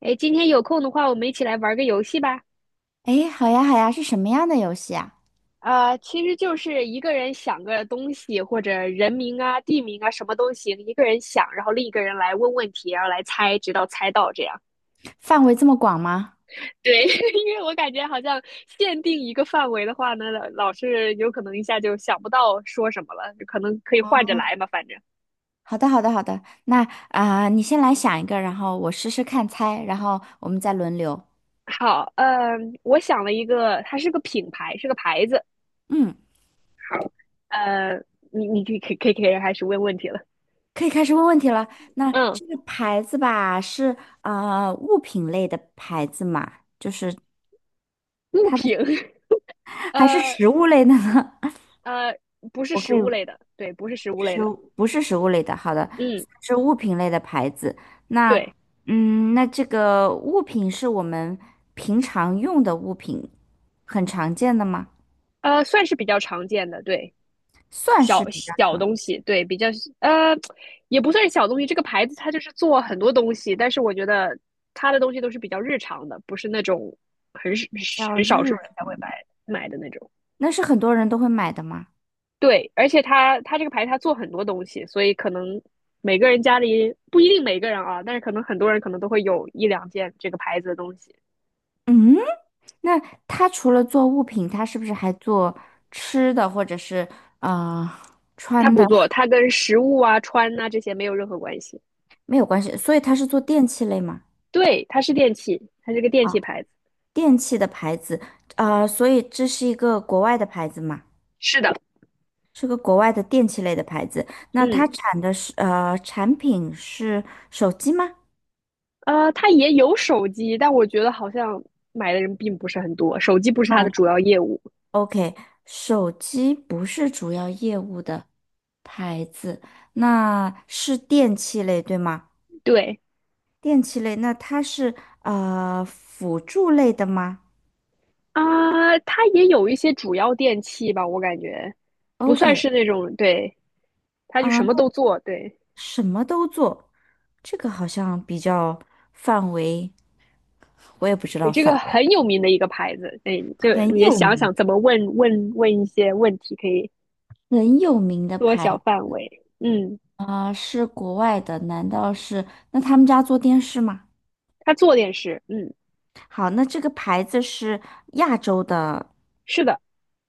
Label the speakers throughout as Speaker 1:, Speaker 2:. Speaker 1: 哎，今天有空的话，我们一起来玩个游戏吧。
Speaker 2: 诶，好呀，好呀，是什么样的游戏啊？
Speaker 1: 其实就是一个人想个东西或者人名啊、地名啊，什么都行，一个人想，然后另一个人来问问题，然后来猜，直到猜到这样。
Speaker 2: 范围这么广吗？
Speaker 1: 对，因为我感觉好像限定一个范围的话呢，老是有可能一下就想不到说什么了，可能可以换着来嘛，反正。
Speaker 2: 好的，好的，好的。那你先来想一个，然后我试试看猜，然后我们再轮流。
Speaker 1: 好，嗯，我想了一个，它是个品牌，是个牌子。
Speaker 2: 嗯，
Speaker 1: 呃，你可以开始问问题了。
Speaker 2: 可以开始问问题了。那
Speaker 1: 嗯，
Speaker 2: 这个牌子吧，是啊，物品类的牌子嘛？就是
Speaker 1: 物
Speaker 2: 它的，
Speaker 1: 品，
Speaker 2: 还是
Speaker 1: 呃，
Speaker 2: 食物类的呢？
Speaker 1: 呃，不 是
Speaker 2: 我
Speaker 1: 食
Speaker 2: 可以。
Speaker 1: 物类的，对，不是食物类
Speaker 2: 食
Speaker 1: 的，
Speaker 2: 物不是食物类的，好的，
Speaker 1: 嗯，
Speaker 2: 是物品类的牌子。那，
Speaker 1: 对，
Speaker 2: 嗯，那这个物品是我们平常用的物品，很常见的吗？
Speaker 1: 算是比较常见的，对，
Speaker 2: 算是
Speaker 1: 小
Speaker 2: 比较
Speaker 1: 小
Speaker 2: 常，
Speaker 1: 东西，对，呃，也不算是小东西。这个牌子它就是做很多东西，但是我觉得它的东西都是比较日常的，不是那种很少
Speaker 2: 比较
Speaker 1: 很少数
Speaker 2: 日
Speaker 1: 人才会
Speaker 2: 常
Speaker 1: 买
Speaker 2: 的。
Speaker 1: 买的那种。
Speaker 2: 那是很多人都会买的吗？
Speaker 1: 对，而且它这个牌它做很多东西，所以可能每个人家里不一定每个人啊，但是可能很多人可能都会有一两件这个牌子的东西。
Speaker 2: 嗯，那它除了做物品，它是不是还做吃的或者是啊
Speaker 1: 它
Speaker 2: 穿
Speaker 1: 不
Speaker 2: 的？
Speaker 1: 做，它跟食物啊、穿呐、这些没有任何关系。
Speaker 2: 没有关系，所以它是做电器类吗？
Speaker 1: 对，它是电器，它是个电器
Speaker 2: 啊，
Speaker 1: 牌子。
Speaker 2: 电器的牌子，所以这是一个国外的牌子吗？
Speaker 1: 是的，
Speaker 2: 是个国外的电器类的牌子，那
Speaker 1: 嗯，
Speaker 2: 它产的是产品是手机吗？
Speaker 1: 它也有手机，但我觉得好像买的人并不是很多，手机不是它
Speaker 2: 卖
Speaker 1: 的主要业务。
Speaker 2: o k 手机不是主要业务的牌子，那是电器类对吗？
Speaker 1: 对
Speaker 2: 电器类，那它是辅助类的吗
Speaker 1: 啊，它也有一些主要电器吧，我感觉不算是
Speaker 2: ？OK，
Speaker 1: 那种，对，它就
Speaker 2: 啊，
Speaker 1: 什么
Speaker 2: 那
Speaker 1: 都做，对。
Speaker 2: 什么都做，这个好像比较范围，我也不知道
Speaker 1: 这个
Speaker 2: 范围，
Speaker 1: 很有名的一个牌子，对，就
Speaker 2: 很
Speaker 1: 你
Speaker 2: 有
Speaker 1: 想
Speaker 2: 名，
Speaker 1: 想怎么问一些问题，可以
Speaker 2: 很有名的
Speaker 1: 缩小
Speaker 2: 牌。
Speaker 1: 范围。嗯，
Speaker 2: 是国外的，难道是？那他们家做电视吗？
Speaker 1: 它做电视，嗯，
Speaker 2: 好，那这个牌子是亚洲的，
Speaker 1: 是的，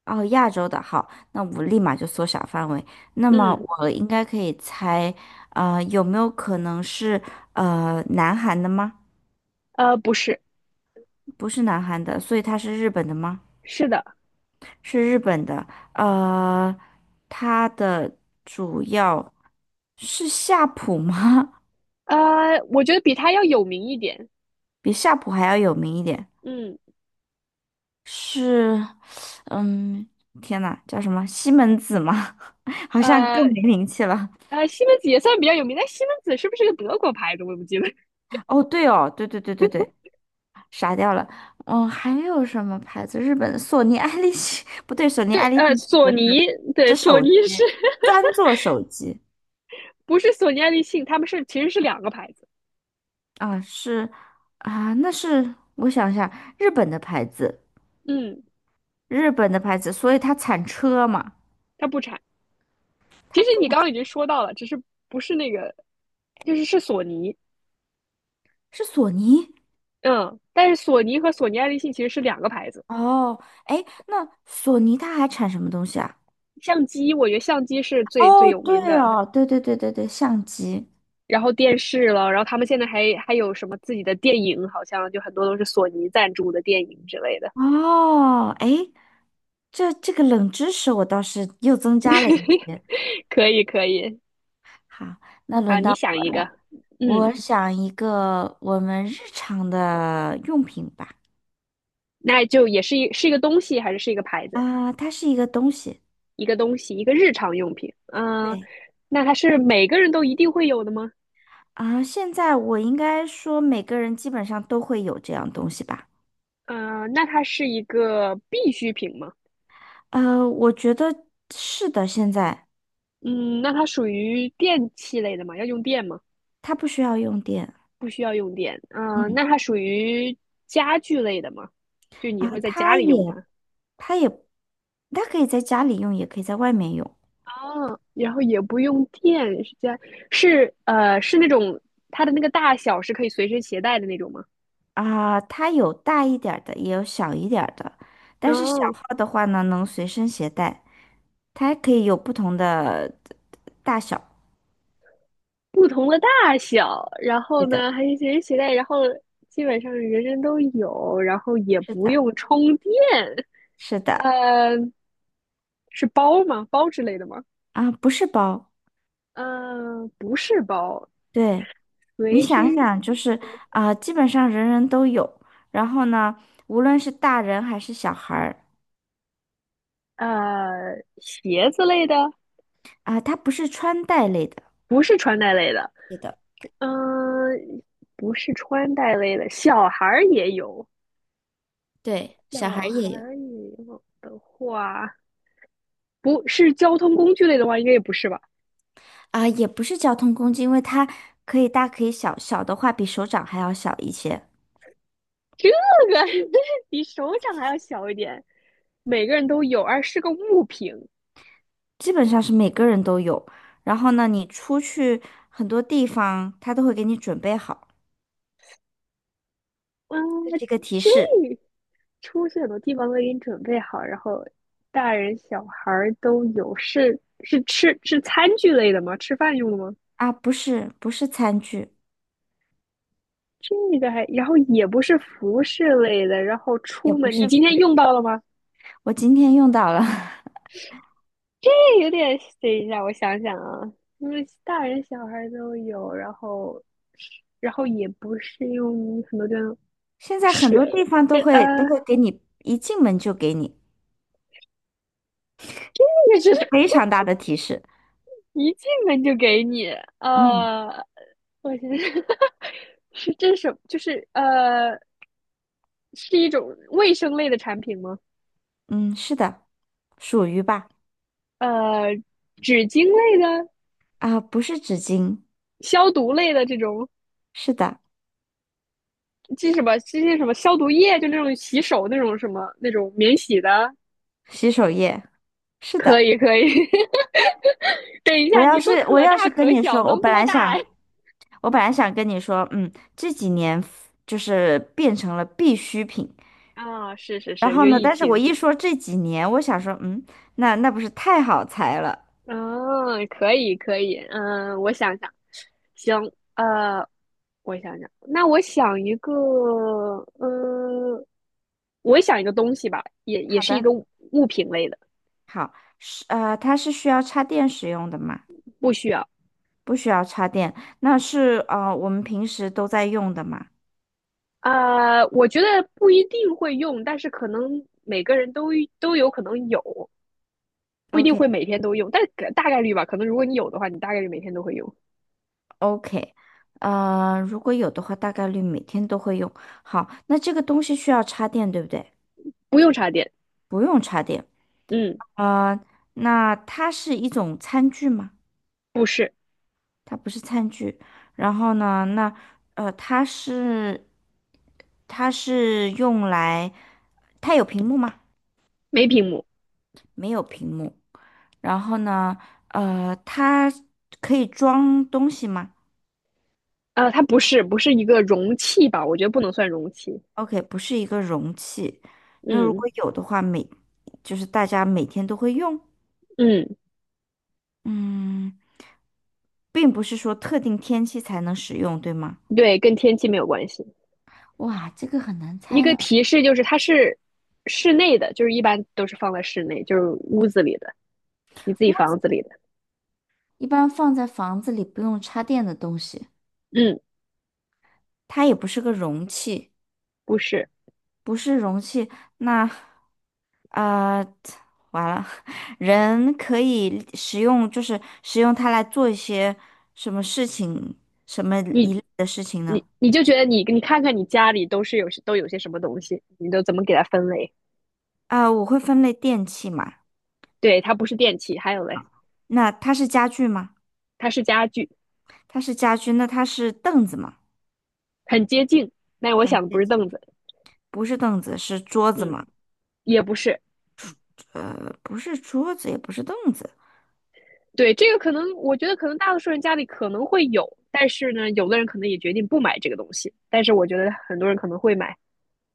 Speaker 2: 哦，亚洲的。好，那我立马就缩小范围。那么
Speaker 1: 嗯，
Speaker 2: 我应该可以猜，有没有可能是南韩的吗？
Speaker 1: 不是，
Speaker 2: 不是南韩的，所以它是日本的吗？
Speaker 1: 是的，
Speaker 2: 是日本的。呃，它的主要是夏普吗？
Speaker 1: 我觉得比他要有名一点。
Speaker 2: 比夏普还要有名一点。
Speaker 1: 嗯，
Speaker 2: 是，嗯，天呐，叫什么西门子吗？好像
Speaker 1: 呃，
Speaker 2: 更没名气了。
Speaker 1: 西门子也算比较有名，但西门子是不是个德国牌子？我也不记得。
Speaker 2: 哦，对哦，对对对对对，傻掉了。嗯，还有什么牌子？日本的索尼爱立信，不对，索 尼
Speaker 1: 对，
Speaker 2: 爱立信
Speaker 1: 索
Speaker 2: 做的
Speaker 1: 尼，
Speaker 2: 是
Speaker 1: 对，
Speaker 2: 是
Speaker 1: 索
Speaker 2: 手
Speaker 1: 尼
Speaker 2: 机，
Speaker 1: 是
Speaker 2: 专做手机
Speaker 1: 不是索尼爱立信？他们是其实是两个牌子。
Speaker 2: 啊，是啊，那是我想一下，日本的牌子，
Speaker 1: 嗯，
Speaker 2: 日本的牌子，所以它产车嘛，
Speaker 1: 它不产。其
Speaker 2: 它
Speaker 1: 实你
Speaker 2: 不
Speaker 1: 刚刚已经说到了，只是不是那个，就是索尼。
Speaker 2: 是索尼。
Speaker 1: 嗯，但是索尼和索尼爱立信其实是两个牌子。
Speaker 2: 哦，哎，那索尼它还产什么东西啊？
Speaker 1: 相机，我觉得相机是最最
Speaker 2: 哦，
Speaker 1: 有名
Speaker 2: 对
Speaker 1: 的。
Speaker 2: 哦，对对对对对，相机。
Speaker 1: 然后电视了，然后他们现在还有什么自己的电影，好像就很多都是索尼赞助的电影之类的。
Speaker 2: 哦，哎，这这个冷知识我倒是又增加了一些。
Speaker 1: 可以可以，
Speaker 2: 好，那
Speaker 1: 好，
Speaker 2: 轮到
Speaker 1: 你想
Speaker 2: 我
Speaker 1: 一个，
Speaker 2: 了，
Speaker 1: 嗯，
Speaker 2: 我想一个我们日常的用品吧。
Speaker 1: 那就也是一个东西还是一个牌子？
Speaker 2: 啊，它是一个东西。
Speaker 1: 一个东西，一个日常用品。嗯，
Speaker 2: 对。
Speaker 1: 那它是每个人都一定会有的吗？
Speaker 2: 啊，现在我应该说每个人基本上都会有这样东西吧？
Speaker 1: 嗯，那它是一个必需品吗？
Speaker 2: 我觉得是的，现在
Speaker 1: 嗯，那它属于电器类的吗？要用电吗？
Speaker 2: 它不需要用电。
Speaker 1: 不需要用电。嗯，
Speaker 2: 嗯
Speaker 1: 那它属于家具类的吗？就你
Speaker 2: 啊，
Speaker 1: 会在家
Speaker 2: 它
Speaker 1: 里用
Speaker 2: 也
Speaker 1: 它，
Speaker 2: 它也，它可以在家里用，也可以在外面用
Speaker 1: 然后也不用电，是家是呃是那种它的那个大小是可以随身携带的那种吗？
Speaker 2: 啊。它有大一点儿的，也有小一点儿的。但是小
Speaker 1: 哦，
Speaker 2: 号的话呢，能随身携带，它还可以有不同的大小。
Speaker 1: 不同的大小，然后
Speaker 2: 是的，
Speaker 1: 呢还是随身携带，然后基本上人人都有，然后也
Speaker 2: 是
Speaker 1: 不
Speaker 2: 的，
Speaker 1: 用充电。
Speaker 2: 是的
Speaker 1: 呃，是包吗？包之类的吗？
Speaker 2: 啊，不是包。
Speaker 1: 不是包，
Speaker 2: 对，你
Speaker 1: 随
Speaker 2: 想
Speaker 1: 身
Speaker 2: 想，就是啊，基本上人人都有。然后呢，无论是大人还是小孩儿
Speaker 1: 呃鞋子类的。
Speaker 2: 啊，它不是穿戴类的。
Speaker 1: 不是穿戴类的，
Speaker 2: 是的，
Speaker 1: 嗯，不是穿戴类的，小孩儿也有，
Speaker 2: 对，小
Speaker 1: 小
Speaker 2: 孩儿
Speaker 1: 孩
Speaker 2: 也有。
Speaker 1: 儿也有的话，不是交通工具类的话，应该也不是吧？
Speaker 2: 啊，也不是交通工具，因为它可以大可以小，小的话比手掌还要小一些，
Speaker 1: 这个 比手掌还要小一点，每个人都有，而是个物品。
Speaker 2: 基本上是每个人都有。然后呢，你出去很多地方，他都会给你准备好，
Speaker 1: 嗯，
Speaker 2: 这是
Speaker 1: 呃
Speaker 2: 一个提
Speaker 1: 这
Speaker 2: 示
Speaker 1: 出去很多地方都给你准备好，然后大人小孩儿都有，是是吃是餐具类的吗？吃饭用的吗？
Speaker 2: 啊，不是餐具，
Speaker 1: 这个还，然后也不是服饰类的，然后
Speaker 2: 也
Speaker 1: 出
Speaker 2: 不
Speaker 1: 门，你
Speaker 2: 是。
Speaker 1: 今天用到了吗？
Speaker 2: 我今天用到了，
Speaker 1: 这有点，等一下，我想想啊，因为大人小孩都有，然后，也不是用很多地方
Speaker 2: 现在很
Speaker 1: 水，
Speaker 2: 多地方都
Speaker 1: 跟呃，
Speaker 2: 会都会给你，一进门就给你，是一
Speaker 1: 这个
Speaker 2: 个
Speaker 1: 是
Speaker 2: 非常大的提示。
Speaker 1: 一进门就给你，
Speaker 2: 嗯
Speaker 1: 呃，我是 是这是什么？就是是一种卫生类的产品吗？
Speaker 2: 嗯，是的，属于吧？
Speaker 1: 呃，纸巾类的、
Speaker 2: 啊，不是纸巾，
Speaker 1: 消毒类的这种。
Speaker 2: 是的，
Speaker 1: 这些什么消毒液，就那种洗手那种什么那种免洗的，
Speaker 2: 洗手液，是
Speaker 1: 可
Speaker 2: 的。
Speaker 1: 以可以 等一
Speaker 2: 我
Speaker 1: 下，你
Speaker 2: 要
Speaker 1: 说
Speaker 2: 是我
Speaker 1: 可
Speaker 2: 要
Speaker 1: 大
Speaker 2: 是跟
Speaker 1: 可
Speaker 2: 你
Speaker 1: 小，
Speaker 2: 说，我
Speaker 1: 能
Speaker 2: 本
Speaker 1: 多
Speaker 2: 来
Speaker 1: 大
Speaker 2: 想，我本来想跟你说，嗯，这几年就是变成了必需品。
Speaker 1: 啊。哦，是是
Speaker 2: 然
Speaker 1: 是，因
Speaker 2: 后
Speaker 1: 为
Speaker 2: 呢，
Speaker 1: 疫
Speaker 2: 但是我
Speaker 1: 情。
Speaker 2: 一说这几年，我想说，嗯，那那不是太好猜了。
Speaker 1: 嗯，可以可以，嗯，我想想，行，呃，我想想，那我想一个，嗯，我想一个东西吧，也
Speaker 2: 好
Speaker 1: 是一
Speaker 2: 的，
Speaker 1: 个物品类的，
Speaker 2: 好，是它是需要插电使用的吗？
Speaker 1: 不需要。
Speaker 2: 不需要插电，那是我们平时都在用的嘛。
Speaker 1: 啊，我觉得不一定会用，但是可能每个人都有可能有，不一
Speaker 2: o k
Speaker 1: 定会每天都用，但大概率吧。可能如果你有的话，你大概率每天都会用。
Speaker 2: o k 如果有的话，大概率每天都会用。好，那这个东西需要插电，对不对？
Speaker 1: 不用插电，
Speaker 2: 不用插电。
Speaker 1: 嗯，
Speaker 2: 呃，那它是一种餐具吗？
Speaker 1: 不是，
Speaker 2: 它不是餐具。然后呢，那呃，它是它是用来，它有屏幕吗？
Speaker 1: 没屏幕，
Speaker 2: 然后呢，它可以装东西吗
Speaker 1: 啊，它不是一个容器吧？我觉得不能算容器。
Speaker 2: ？OK，不是一个容器。那如果
Speaker 1: 嗯
Speaker 2: 有的话，每就是大家每天都会用。
Speaker 1: 嗯，
Speaker 2: 嗯，并不是说特定天气才能使用，对吗？
Speaker 1: 对，跟天气没有关系。
Speaker 2: 哇，这个很难
Speaker 1: 一
Speaker 2: 猜
Speaker 1: 个
Speaker 2: 呢。
Speaker 1: 提示就是它是室内的，就是一般都是放在室内，就是屋子里的，你自己房子里的。
Speaker 2: 一般放在房子里不用插电的东西，
Speaker 1: 嗯，
Speaker 2: 它也不是个容器，
Speaker 1: 不是。
Speaker 2: 不是容器，那啊、呃完了，人可以使用，就是使用它来做一些什么事情，什么
Speaker 1: 你
Speaker 2: 一类的事情呢？
Speaker 1: 你就觉得你看看你家里都有些什么东西，你都怎么给它分类？
Speaker 2: 我会分类电器嘛，
Speaker 1: 对，它不是电器，还有嘞。
Speaker 2: 那它是家具吗？
Speaker 1: 它是家具，
Speaker 2: 它是家具，那它是凳子吗？
Speaker 1: 很接近。那我
Speaker 2: 很
Speaker 1: 想的不
Speaker 2: 接
Speaker 1: 是
Speaker 2: 近，
Speaker 1: 凳子，
Speaker 2: 不是凳子，是桌子
Speaker 1: 嗯，
Speaker 2: 嘛？
Speaker 1: 也不是。
Speaker 2: 不是桌子，也不是凳子，
Speaker 1: 对，这个可能我觉得可能大多数人家里可能会有，但是呢，有的人可能也决定不买这个东西，但是我觉得很多人可能会买。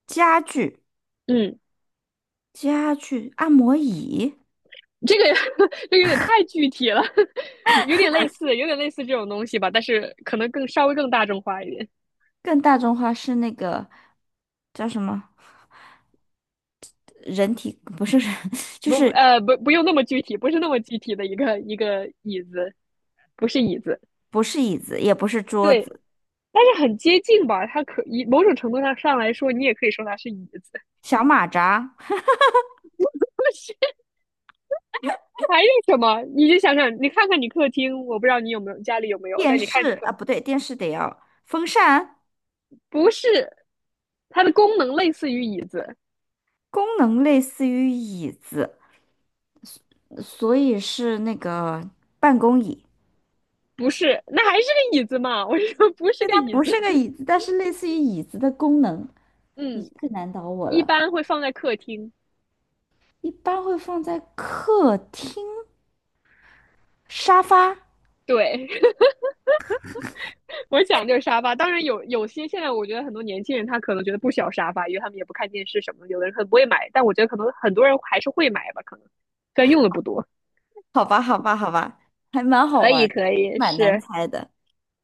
Speaker 2: 家具，
Speaker 1: 嗯，
Speaker 2: 家具，按摩椅。
Speaker 1: 这个 这个有点太具体了，有点类似，有点类似这种东西吧，但是可能更稍微更大众化一点。
Speaker 2: 更大众化是那个叫什么？人体不是人，就
Speaker 1: 不
Speaker 2: 是
Speaker 1: 呃不不用那么具体，不是那么具体的一个椅子，不是椅子，
Speaker 2: 不是椅子，也不是桌
Speaker 1: 对，
Speaker 2: 子，
Speaker 1: 但是很接近吧？它可以某种程度上来说，你也可以说它是椅子。
Speaker 2: 小马扎、
Speaker 1: 但是还有什么？你就想想，你看看你客厅，我不知道你有没有家里有没有，
Speaker 2: 电
Speaker 1: 但你看你
Speaker 2: 视
Speaker 1: 客
Speaker 2: 啊，不对，电视得要风扇，
Speaker 1: 不是，它的功能类似于椅子，
Speaker 2: 功能类似于椅子，所以是那个办公椅。
Speaker 1: 不是，那还是个椅子嘛？我说不是
Speaker 2: 对，
Speaker 1: 个
Speaker 2: 它
Speaker 1: 椅
Speaker 2: 不
Speaker 1: 子，
Speaker 2: 是个 椅子，但是类似于椅子的功能。你
Speaker 1: 嗯，
Speaker 2: 这个难倒我
Speaker 1: 一
Speaker 2: 了，
Speaker 1: 般会放在客厅，
Speaker 2: 一般会放在客厅沙发。
Speaker 1: 对。我讲就是沙发，当然有些现在我觉得很多年轻人他可能觉得不需要沙发，因为他们也不看电视什么的，有的人可能不会买，但我觉得可能很多人还是会买吧，可能虽然用的不多。
Speaker 2: 好吧，好吧，好吧，还蛮好
Speaker 1: 可
Speaker 2: 玩
Speaker 1: 以
Speaker 2: 儿的，
Speaker 1: 可以，
Speaker 2: 蛮难猜的。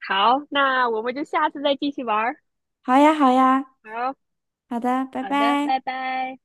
Speaker 1: 好，那我们就下次再继续玩儿。
Speaker 2: 好呀，好呀，
Speaker 1: 好，
Speaker 2: 好的，拜
Speaker 1: 好的，
Speaker 2: 拜。
Speaker 1: 拜拜。